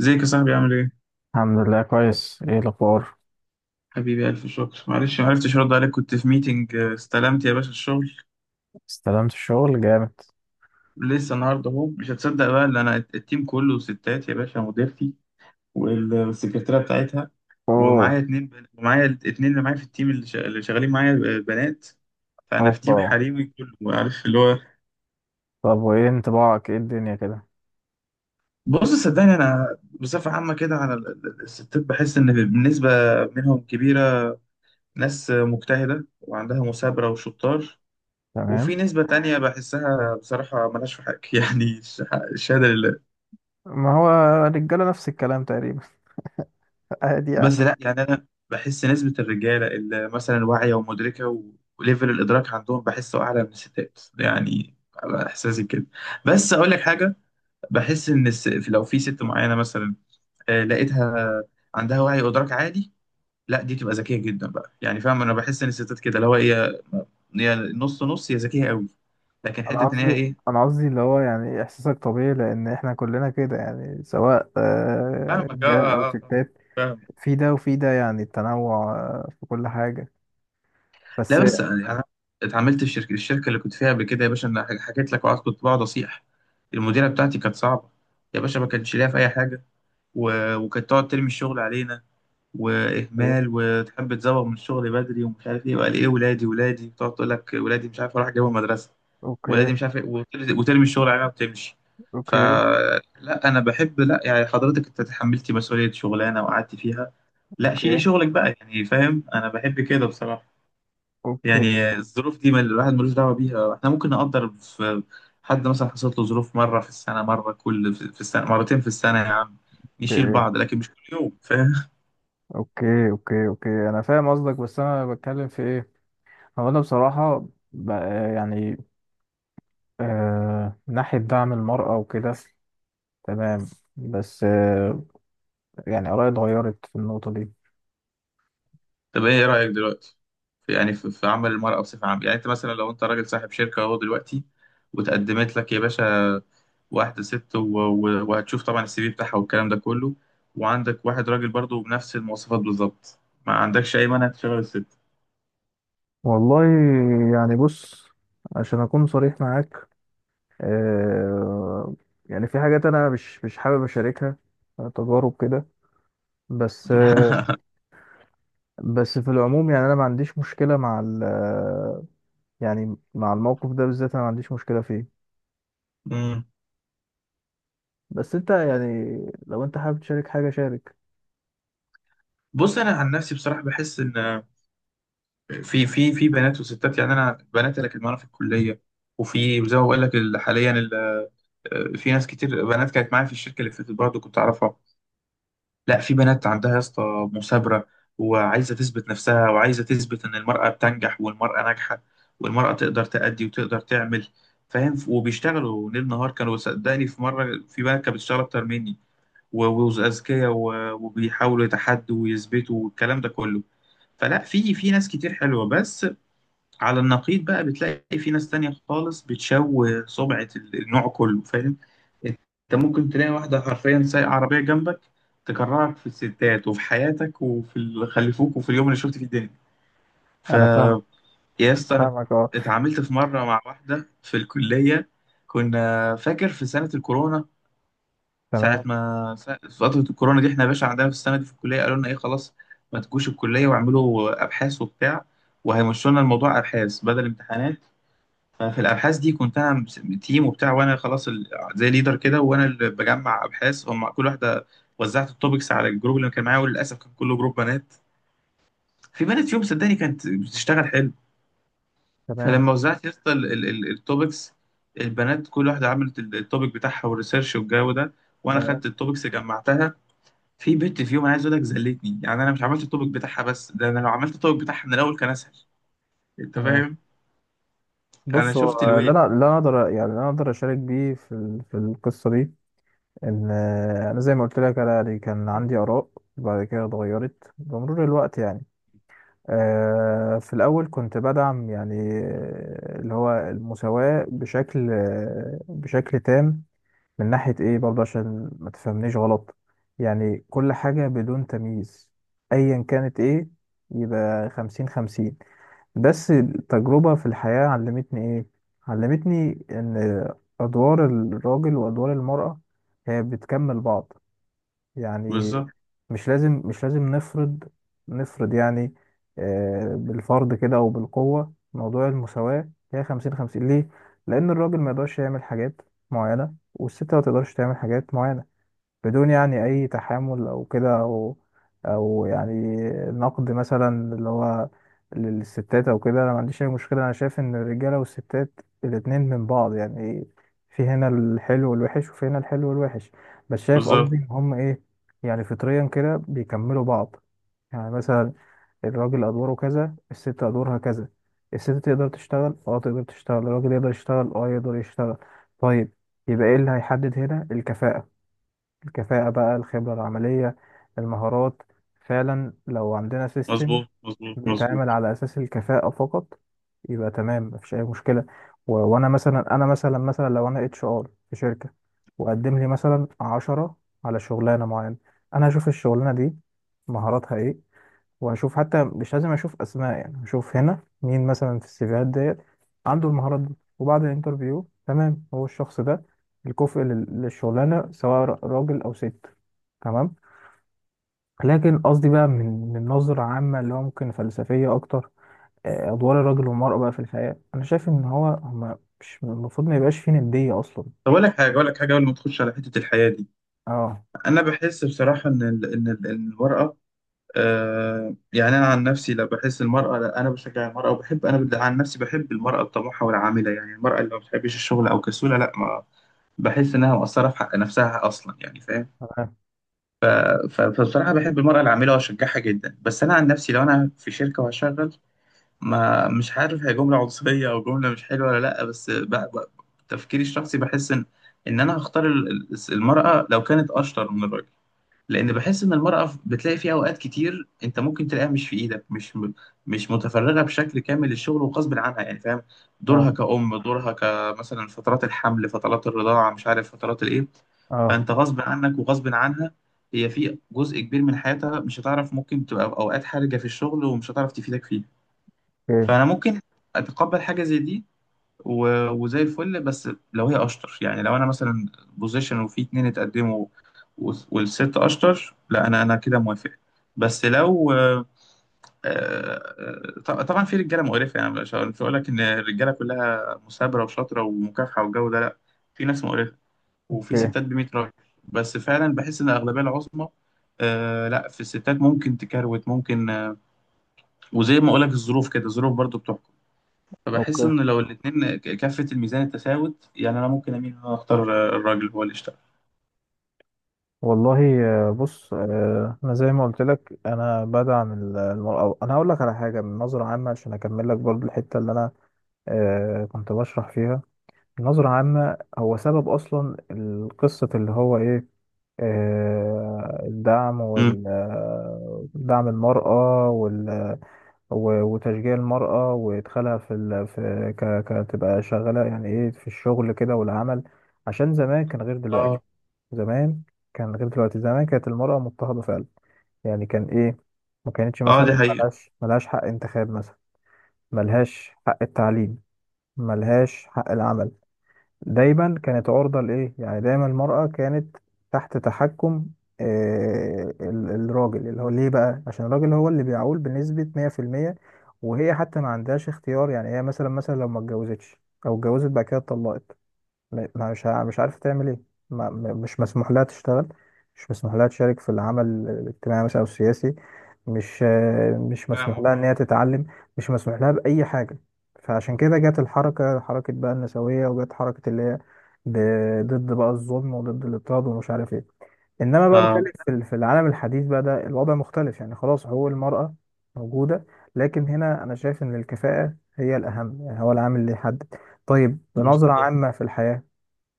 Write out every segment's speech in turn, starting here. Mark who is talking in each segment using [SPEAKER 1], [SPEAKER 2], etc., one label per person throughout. [SPEAKER 1] ازيك يا صاحبي عامل ايه؟
[SPEAKER 2] الحمد لله كويس. ايه الاخبار؟
[SPEAKER 1] حبيبي ألف شكر، معلش ما عرفتش أرد عليك، كنت في ميتنج. استلمت يا باشا الشغل.
[SPEAKER 2] استلمت الشغل جامد.
[SPEAKER 1] لسه النهاردة أهو. مش هتصدق بقى، اللي أنا التيم كله ستات يا باشا، مديرتي والسكرتيرة بتاعتها،
[SPEAKER 2] اوه.
[SPEAKER 1] ومعايا الاتنين اللي معايا في التيم اللي شغالين معايا بنات. فأنا في
[SPEAKER 2] اوبا.
[SPEAKER 1] تيم حريمي كله، عارف اللي هو.
[SPEAKER 2] طب وايه انطباعك؟ ايه الدنيا كده؟
[SPEAKER 1] بص صدقني، أنا بصفة عامة كده على الستات بحس إن بالنسبة منهم كبيرة ناس مجتهدة وعندها مثابرة وشطار، وفي
[SPEAKER 2] تمام.
[SPEAKER 1] نسبة تانية بحسها بصراحة ملهاش في حق يعني الشهادة لله.
[SPEAKER 2] ما هو الرجاله نفس الكلام تقريبا. عادي يعني.
[SPEAKER 1] بس لا، يعني أنا بحس نسبة الرجالة اللي مثلا واعية ومدركة و- وليفل الإدراك عندهم بحسه أعلى من الستات، يعني على إحساسي كده. بس أقول لك حاجة، بحس إن لو في ست معينة مثلا، لقيتها عندها وعي وإدراك عالي، لا دي تبقى ذكية جدا بقى، يعني فاهم، أنا بحس إن الستات كده اللي هو هي نص نص، هي ذكية قوي، لكن حتة
[SPEAKER 2] انا
[SPEAKER 1] إن هي
[SPEAKER 2] قصدي
[SPEAKER 1] إيه.
[SPEAKER 2] انا قصدي اللي هو يعني احساسك طبيعي لان احنا كلنا كده، يعني سواء
[SPEAKER 1] فاهمك، آه
[SPEAKER 2] رجاله او
[SPEAKER 1] آه آه
[SPEAKER 2] ستات.
[SPEAKER 1] فاهمك.
[SPEAKER 2] في ده وفي ده، يعني التنوع في كل حاجه.
[SPEAKER 1] لا
[SPEAKER 2] بس.
[SPEAKER 1] بس يعني انا اتعاملت في الشركه اللي كنت فيها قبل كده يا باشا، انا حكيت لك، وقعدت كنت بقعد اصيح. المديره بتاعتي كانت صعبه يا باشا، ما كانتش ليها في اي حاجه، وكانت تقعد ترمي الشغل علينا واهمال، وتحب تزوغ من الشغل بدري ومش عارف ايه، وقال ايه ولادي، تقعد تقول لك ولادي مش عارف اروح اجيبهم مدرسه،
[SPEAKER 2] اوكي،
[SPEAKER 1] ولادي مش عارف ايه، وترمي الشغل علينا وتمشي.
[SPEAKER 2] اوكي،
[SPEAKER 1] فلا انا بحب، لا يعني حضرتك انت تحملتي مسؤوليه شغلانه وقعدتي فيها، لا شيلي
[SPEAKER 2] اوكي،
[SPEAKER 1] شغلك بقى، يعني فاهم انا بحب كده بصراحه.
[SPEAKER 2] اوكي،
[SPEAKER 1] يعني الظروف دي ما الواحد ملوش دعوة بيها، احنا ممكن نقدر في حد مثلا حصلت له ظروف مرة في السنة، مرة كل في السنة، مرتين في السنة يا عم، نشيل
[SPEAKER 2] اوكي،
[SPEAKER 1] بعض، لكن مش كل يوم، فاهم.
[SPEAKER 2] اوكي، اوكي، اوكي، انا فاهم قصدك. بس انا بتكلم في ايه؟ هو أنا بصراحة بقى، يعني آه، من ناحية دعم المرأة وكده، تمام، بس آه، يعني آرائي اتغيرت في النقطة دي.
[SPEAKER 1] طب ايه رأيك دلوقتي في، يعني في عمل المرأة بصفة عامة؟ يعني انت مثلا لو انت راجل صاحب شركة اهو دلوقتي، وتقدمت لك يا باشا واحدة ست وهتشوف طبعا السي في بتاعها والكلام ده كله، وعندك واحد راجل برضه بنفس المواصفات بالظبط، ما عندكش اي مانع تشغل الست؟
[SPEAKER 2] والله يعني بص، عشان أكون صريح معاك آه، يعني في حاجات أنا مش حابب أشاركها، تجارب كده. بس آه، بس في العموم يعني أنا ما عنديش مشكلة مع ال آه، يعني مع الموقف ده بالذات أنا ما عنديش مشكلة فيه.
[SPEAKER 1] مم.
[SPEAKER 2] بس أنت يعني لو أنت حابب تشارك حاجة شارك.
[SPEAKER 1] بص انا عن نفسي بصراحة بحس ان في في بنات وستات، يعني انا بنات اللي كانت معانا في الكليه، وفي زي ما بقول لك حاليا في ناس كتير بنات كانت معايا في الشركه اللي فاتت برضه كنت اعرفها، لا في بنات عندها يا اسطى مثابره، وعايزه تثبت نفسها، وعايزه تثبت ان المراه بتنجح والمراه ناجحه، والمراه تقدر تأدي وتقدر تعمل، فاهم، وبيشتغلوا ليل نهار، كانوا صدقني في مره في بنات كانت بتشتغل اكتر مني، و- واذكياء، و- وبيحاولوا يتحدوا ويثبتوا والكلام ده كله. فلا في ناس كتير حلوه، بس على النقيض بقى بتلاقي في ناس تانية خالص بتشوه سمعة النوع كله، فاهم. انت ممكن تلاقي واحدة حرفيا سايقة عربية جنبك، تكرهك في الستات وفي حياتك وفي اللي خلفوك وفي اليوم اللي شفت فيه الدنيا. ف
[SPEAKER 2] أنا فاهم.
[SPEAKER 1] يا اسطى، انا
[SPEAKER 2] فاهمك.
[SPEAKER 1] اتعاملت في مرة مع واحدة في الكلية، كنا فاكر في سنة الكورونا. ساعة
[SPEAKER 2] تمام،
[SPEAKER 1] ما سا- في فترة الكورونا دي احنا يا باشا عندنا في السنة دي في الكلية قالوا لنا ايه، خلاص ما تجوش الكلية، واعملوا أبحاث وبتاع، وهيمشوا لنا الموضوع أبحاث بدل امتحانات. ففي الابحاث دي كنت انا تيم وبتاع، وانا خلاص زي ليدر كده، وانا اللي بجمع ابحاث هم. كل واحده وزعت التوبكس على الجروب اللي كان معايا، وللاسف كان كله جروب بنات. في بنت فيهم صدقني كانت بتشتغل حلو.
[SPEAKER 2] تمام،
[SPEAKER 1] فلما وزعت يا اسطى التوبكس، البنات كل واحده عملت التوبك بتاعها والريسيرش والجو ده، وانا
[SPEAKER 2] تمام،
[SPEAKER 1] خدت التوبكس جمعتها. في بنت فيهم عايز اقول لك زلتني، يعني انا مش عملت التوبك بتاعها، بس ده انا لو عملت التوبك بتاعها من الاول كان اسهل، انت
[SPEAKER 2] تمام.
[SPEAKER 1] فاهم. انا
[SPEAKER 2] بص هو
[SPEAKER 1] شفت
[SPEAKER 2] اللي
[SPEAKER 1] الويل.
[SPEAKER 2] انا اللي انا اقدر يعني اللي انا اقدر اشارك بيه في في القصه دي ان انا زي ما قلت لك، انا يعني كان عندي اراء وبعد كده اتغيرت بمرور الوقت. يعني في الاول كنت بدعم يعني اللي هو المساواه بشكل بشكل تام، من ناحيه ايه برضه عشان ما تفهمنيش غلط، يعني كل حاجه بدون تمييز ايا كانت ايه، يبقى خمسين خمسين. بس التجربة في الحياة علمتني إيه؟ علمتني إن أدوار الراجل وأدوار المرأة هي بتكمل بعض، يعني
[SPEAKER 1] بالظبط.
[SPEAKER 2] مش لازم نفرض، نفرض يعني بالفرض كده أو بالقوة موضوع المساواة هي خمسين خمسين ليه؟ لأن الراجل ما يقدرش يعمل حاجات معينة والست ما تقدرش تعمل حاجات معينة، بدون يعني أي تحامل أو كده، أو أو يعني نقد مثلا اللي هو للستات أو كده. أنا ما عنديش أي مشكلة، أنا شايف إن الرجالة والستات الاتنين من بعض، يعني في هنا الحلو والوحش وفي هنا الحلو والوحش. بس شايف قصدي
[SPEAKER 1] بالظبط.
[SPEAKER 2] إن هم إيه، يعني فطريا كده بيكملوا بعض. يعني مثلا الراجل أدواره كذا، الست أدوارها كذا. الست تقدر تشتغل، اه تقدر تشتغل، الراجل يقدر يشتغل، اه يقدر يشتغل. طيب يبقى ايه اللي هيحدد هنا؟ الكفاءة. الكفاءة بقى، الخبرة العملية، المهارات. فعلا لو عندنا سيستم
[SPEAKER 1] مظبوط
[SPEAKER 2] بيتعامل
[SPEAKER 1] مظبوط.
[SPEAKER 2] على أساس الكفاءة فقط، يبقى تمام مفيش أي مشكلة. و... وأنا مثلا، أنا مثلا لو أنا اتش ار في شركة، وقدم لي مثلا عشرة على شغلانة معينة، أنا هشوف الشغلانة دي مهاراتها إيه، وهشوف، حتى مش لازم اشوف اسماء، يعني هشوف هنا مين مثلا في السيفيهات ديت عنده المهارات دي، وبعد الانترفيو تمام هو الشخص ده الكفء للشغلانه، سواء راجل او ست. تمام. لكن قصدي بقى من من نظره عامه اللي هو ممكن فلسفيه اكتر، ادوار الراجل والمراه بقى في الحياه، انا شايف ان هو هما مش المفروض ما يبقاش فيه نديه اصلا.
[SPEAKER 1] طب أقول لك حاجة، قبل ما تخش على حتة الحياة دي،
[SPEAKER 2] اه.
[SPEAKER 1] أنا بحس بصراحة إن ال إن ال إن المرأة، يعني أنا عن نفسي، لا بحس المرأة، لا أنا بشجع المرأة وبحب، أنا عن نفسي بحب المرأة الطموحة والعاملة، يعني المرأة اللي ما بتحبش الشغل أو كسولة لا، ما بحس إنها مقصرة في حق نفسها أصلا، يعني فاهم.
[SPEAKER 2] تمام.
[SPEAKER 1] ف- فبصراحة بحب المرأة العاملة وأشجعها جدا، بس أنا عن نفسي لو أنا في شركة وهشغل، ما مش عارف هي جملة عنصرية أو جملة مش حلوة ولا لأ، بس تفكيري الشخصي بحس إن أنا هختار المرأة لو كانت أشطر من الراجل، لأن بحس إن المرأة بتلاقي فيها أوقات كتير، أنت ممكن تلاقيها مش في إيدك، مش مش متفرغة بشكل كامل للشغل، وغصب عنها، يعني فاهم. دورها
[SPEAKER 2] اه.
[SPEAKER 1] كأم، دورها كمثلا فترات الحمل، فترات الرضاعة، مش عارف فترات الإيه.
[SPEAKER 2] اه.
[SPEAKER 1] فانت غصب عنك وغصب عنها، هي في جزء كبير من حياتها مش هتعرف، ممكن تبقى في اوقات حرجه في الشغل ومش هتعرف تفيدك فيه.
[SPEAKER 2] اوكي،
[SPEAKER 1] فانا ممكن اتقبل حاجه زي دي و- وزي الفل، بس لو هي اشطر، يعني لو انا مثلا بوزيشن وفي اتنين اتقدموا و- والست اشطر، لا انا كده موافق. بس لو طبعا في رجاله مقرفه، يعني مش، مش هقول لك ان الرجاله كلها مثابره وشاطره ومكافحه والجو ده لا، في ناس مقرفه، وفي
[SPEAKER 2] اوكي،
[SPEAKER 1] ستات ب 100 راجل، بس فعلا بحس ان الاغلبيه العظمى، لا في الستات ممكن تكروت، ممكن وزي ما اقول لك الظروف كده، الظروف برضو بتحكم. فبحس
[SPEAKER 2] اوكي.
[SPEAKER 1] ان لو الاتنين كفة الميزان التساوت، يعني انا ممكن اميل ان انا اختار الراجل هو اللي يشتغل.
[SPEAKER 2] والله بص، انا زي ما قلت لك انا بدعم المرأة. انا هقول لك على حاجه من نظره عامه عشان اكمل لك برضو الحته اللي انا كنت بشرح فيها. نظره عامه هو سبب اصلا القصه اللي هو ايه؟ الدعم
[SPEAKER 1] مم.
[SPEAKER 2] وال آه، دعم المرأة وال وتشجيع المرأة، وإدخالها في ال... في ك... كتبقى شغالة يعني إيه، في الشغل كده والعمل. عشان زمان كان غير
[SPEAKER 1] اه.
[SPEAKER 2] دلوقتي. زمان كان غير دلوقتي، زمان كانت المرأة مضطهدة فعلا، يعني كان إيه، ما كانتش
[SPEAKER 1] اه دي
[SPEAKER 2] مثلا،
[SPEAKER 1] حقيقة.
[SPEAKER 2] ملهاش حق انتخاب مثلا، ملهاش حق التعليم، ملهاش حق العمل. دايما كانت عرضة لإيه، يعني دايما المرأة كانت تحت تحكم الراجل، اللي هو ليه بقى؟ عشان الراجل هو اللي بيعول بنسبة 100%، وهي حتى ما عندهاش اختيار، يعني هي مثلا، مثلا لو ما اتجوزتش، أو اتجوزت بعد كده اتطلقت، م- ما مش ع- مش عارفة تعمل ايه، ما م- مش مسموح لها تشتغل، مش مسموح لها تشارك في العمل الاجتماعي مثلا او السياسي، مش مش مسموح
[SPEAKER 1] فاهمك
[SPEAKER 2] لها ان هي
[SPEAKER 1] اه.
[SPEAKER 2] تتعلم، مش مسموح لها بأي حاجة. فعشان كده جت الحركة، حركة بقى النسوية، وجت حركة اللي هي ضد بقى الظلم وضد الاضطهاد ومش عارف ايه. انما بقى
[SPEAKER 1] اه.
[SPEAKER 2] بتكلم في في العالم الحديث بقى ده الوضع مختلف، يعني خلاص حقوق المرأة موجودة، لكن هنا انا شايف ان الكفاءة هي الاهم، يعني هو العامل اللي يحدد. طيب بنظرة
[SPEAKER 1] بالظبط.
[SPEAKER 2] عامة في الحياة،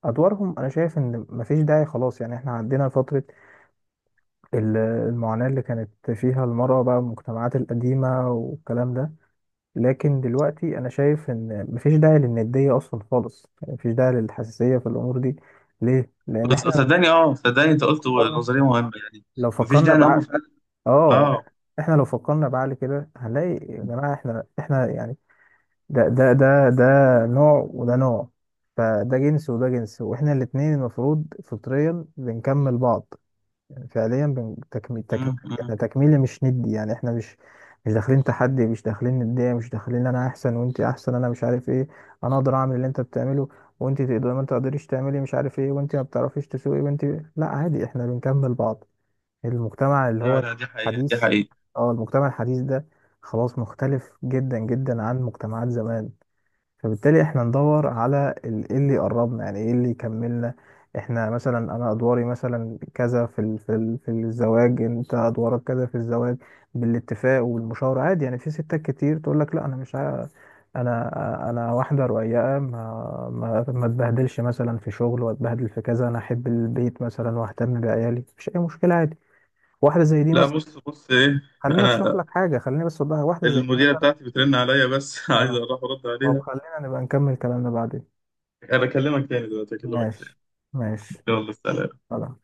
[SPEAKER 2] ادوارهم انا شايف ان مفيش داعي خلاص، يعني احنا عدينا فترة المعاناة اللي كانت فيها المرأة بقى، المجتمعات القديمة والكلام ده. لكن دلوقتي انا شايف ان مفيش داعي للندية اصلا خالص، يعني مفيش داعي للحساسية في الامور دي. ليه؟ لان
[SPEAKER 1] بس-
[SPEAKER 2] احنا لو
[SPEAKER 1] صدقني، اه صدقني، انت قلت
[SPEAKER 2] فكرنا،
[SPEAKER 1] نظرية مهمة يعني،
[SPEAKER 2] لو
[SPEAKER 1] مفيش
[SPEAKER 2] فكرنا
[SPEAKER 1] داعي ان هم
[SPEAKER 2] بعقل،
[SPEAKER 1] فعلا.
[SPEAKER 2] اه
[SPEAKER 1] اه.
[SPEAKER 2] احنا لو فكرنا بعقل كده هنلاقي، يا جماعة احنا احنا يعني ده نوع وده نوع، فده جنس وده جنس، واحنا الاتنين المفروض فطريا بنكمل بعض، فعليا
[SPEAKER 1] مم،
[SPEAKER 2] تكميل
[SPEAKER 1] مم.
[SPEAKER 2] يعني، تكميلي مش ندي، يعني احنا مش، مش داخلين تحدي، مش داخلين ندية، مش داخلين انا احسن وانت احسن انا مش عارف ايه. انا اقدر اعمل اللي انت بتعمله، وانت تقدر، ما تقدريش تعملي مش عارف ايه، وانت ما بتعرفيش تسوقي، وانت، لا عادي احنا بنكمل بعض. المجتمع اللي
[SPEAKER 1] لا
[SPEAKER 2] هو
[SPEAKER 1] لا، دي حقيقة، دي
[SPEAKER 2] الحديث،
[SPEAKER 1] حقيقة.
[SPEAKER 2] اه المجتمع الحديث ده خلاص مختلف جدا جدا عن مجتمعات زمان. فبالتالي احنا ندور على ايه اللي يقربنا، يعني ايه اللي يكملنا. احنا مثلا، انا ادواري مثلا كذا في في الزواج، انت ادوارك كذا في الزواج، بالاتفاق والمشاورة عادي. يعني في ستات كتير تقول لك لا، انا مش عا- انا انا واحدة رقيقة، ما اتبهدلش مثلا في شغل واتبهدل في كذا، انا احب البيت مثلا واهتم بعيالي، مفيش اي مشكلة عادي، واحدة زي دي
[SPEAKER 1] لا
[SPEAKER 2] مثلا.
[SPEAKER 1] بص بص ايه،
[SPEAKER 2] خليني اشرح
[SPEAKER 1] انا
[SPEAKER 2] لك حاجة، خليني بس اوضحها، واحدة زي دي
[SPEAKER 1] المديرة
[SPEAKER 2] مثلا.
[SPEAKER 1] بتاعتي بترن عليا بس عايز
[SPEAKER 2] اه.
[SPEAKER 1] اروح ارد
[SPEAKER 2] طب
[SPEAKER 1] عليها.
[SPEAKER 2] خلينا نبقى نكمل كلامنا بعدين.
[SPEAKER 1] انا اكلمك تاني دلوقتي، اكلمك تاني.
[SPEAKER 2] ماشي، ماشي.
[SPEAKER 1] يلا سلام.
[SPEAKER 2] خلاص.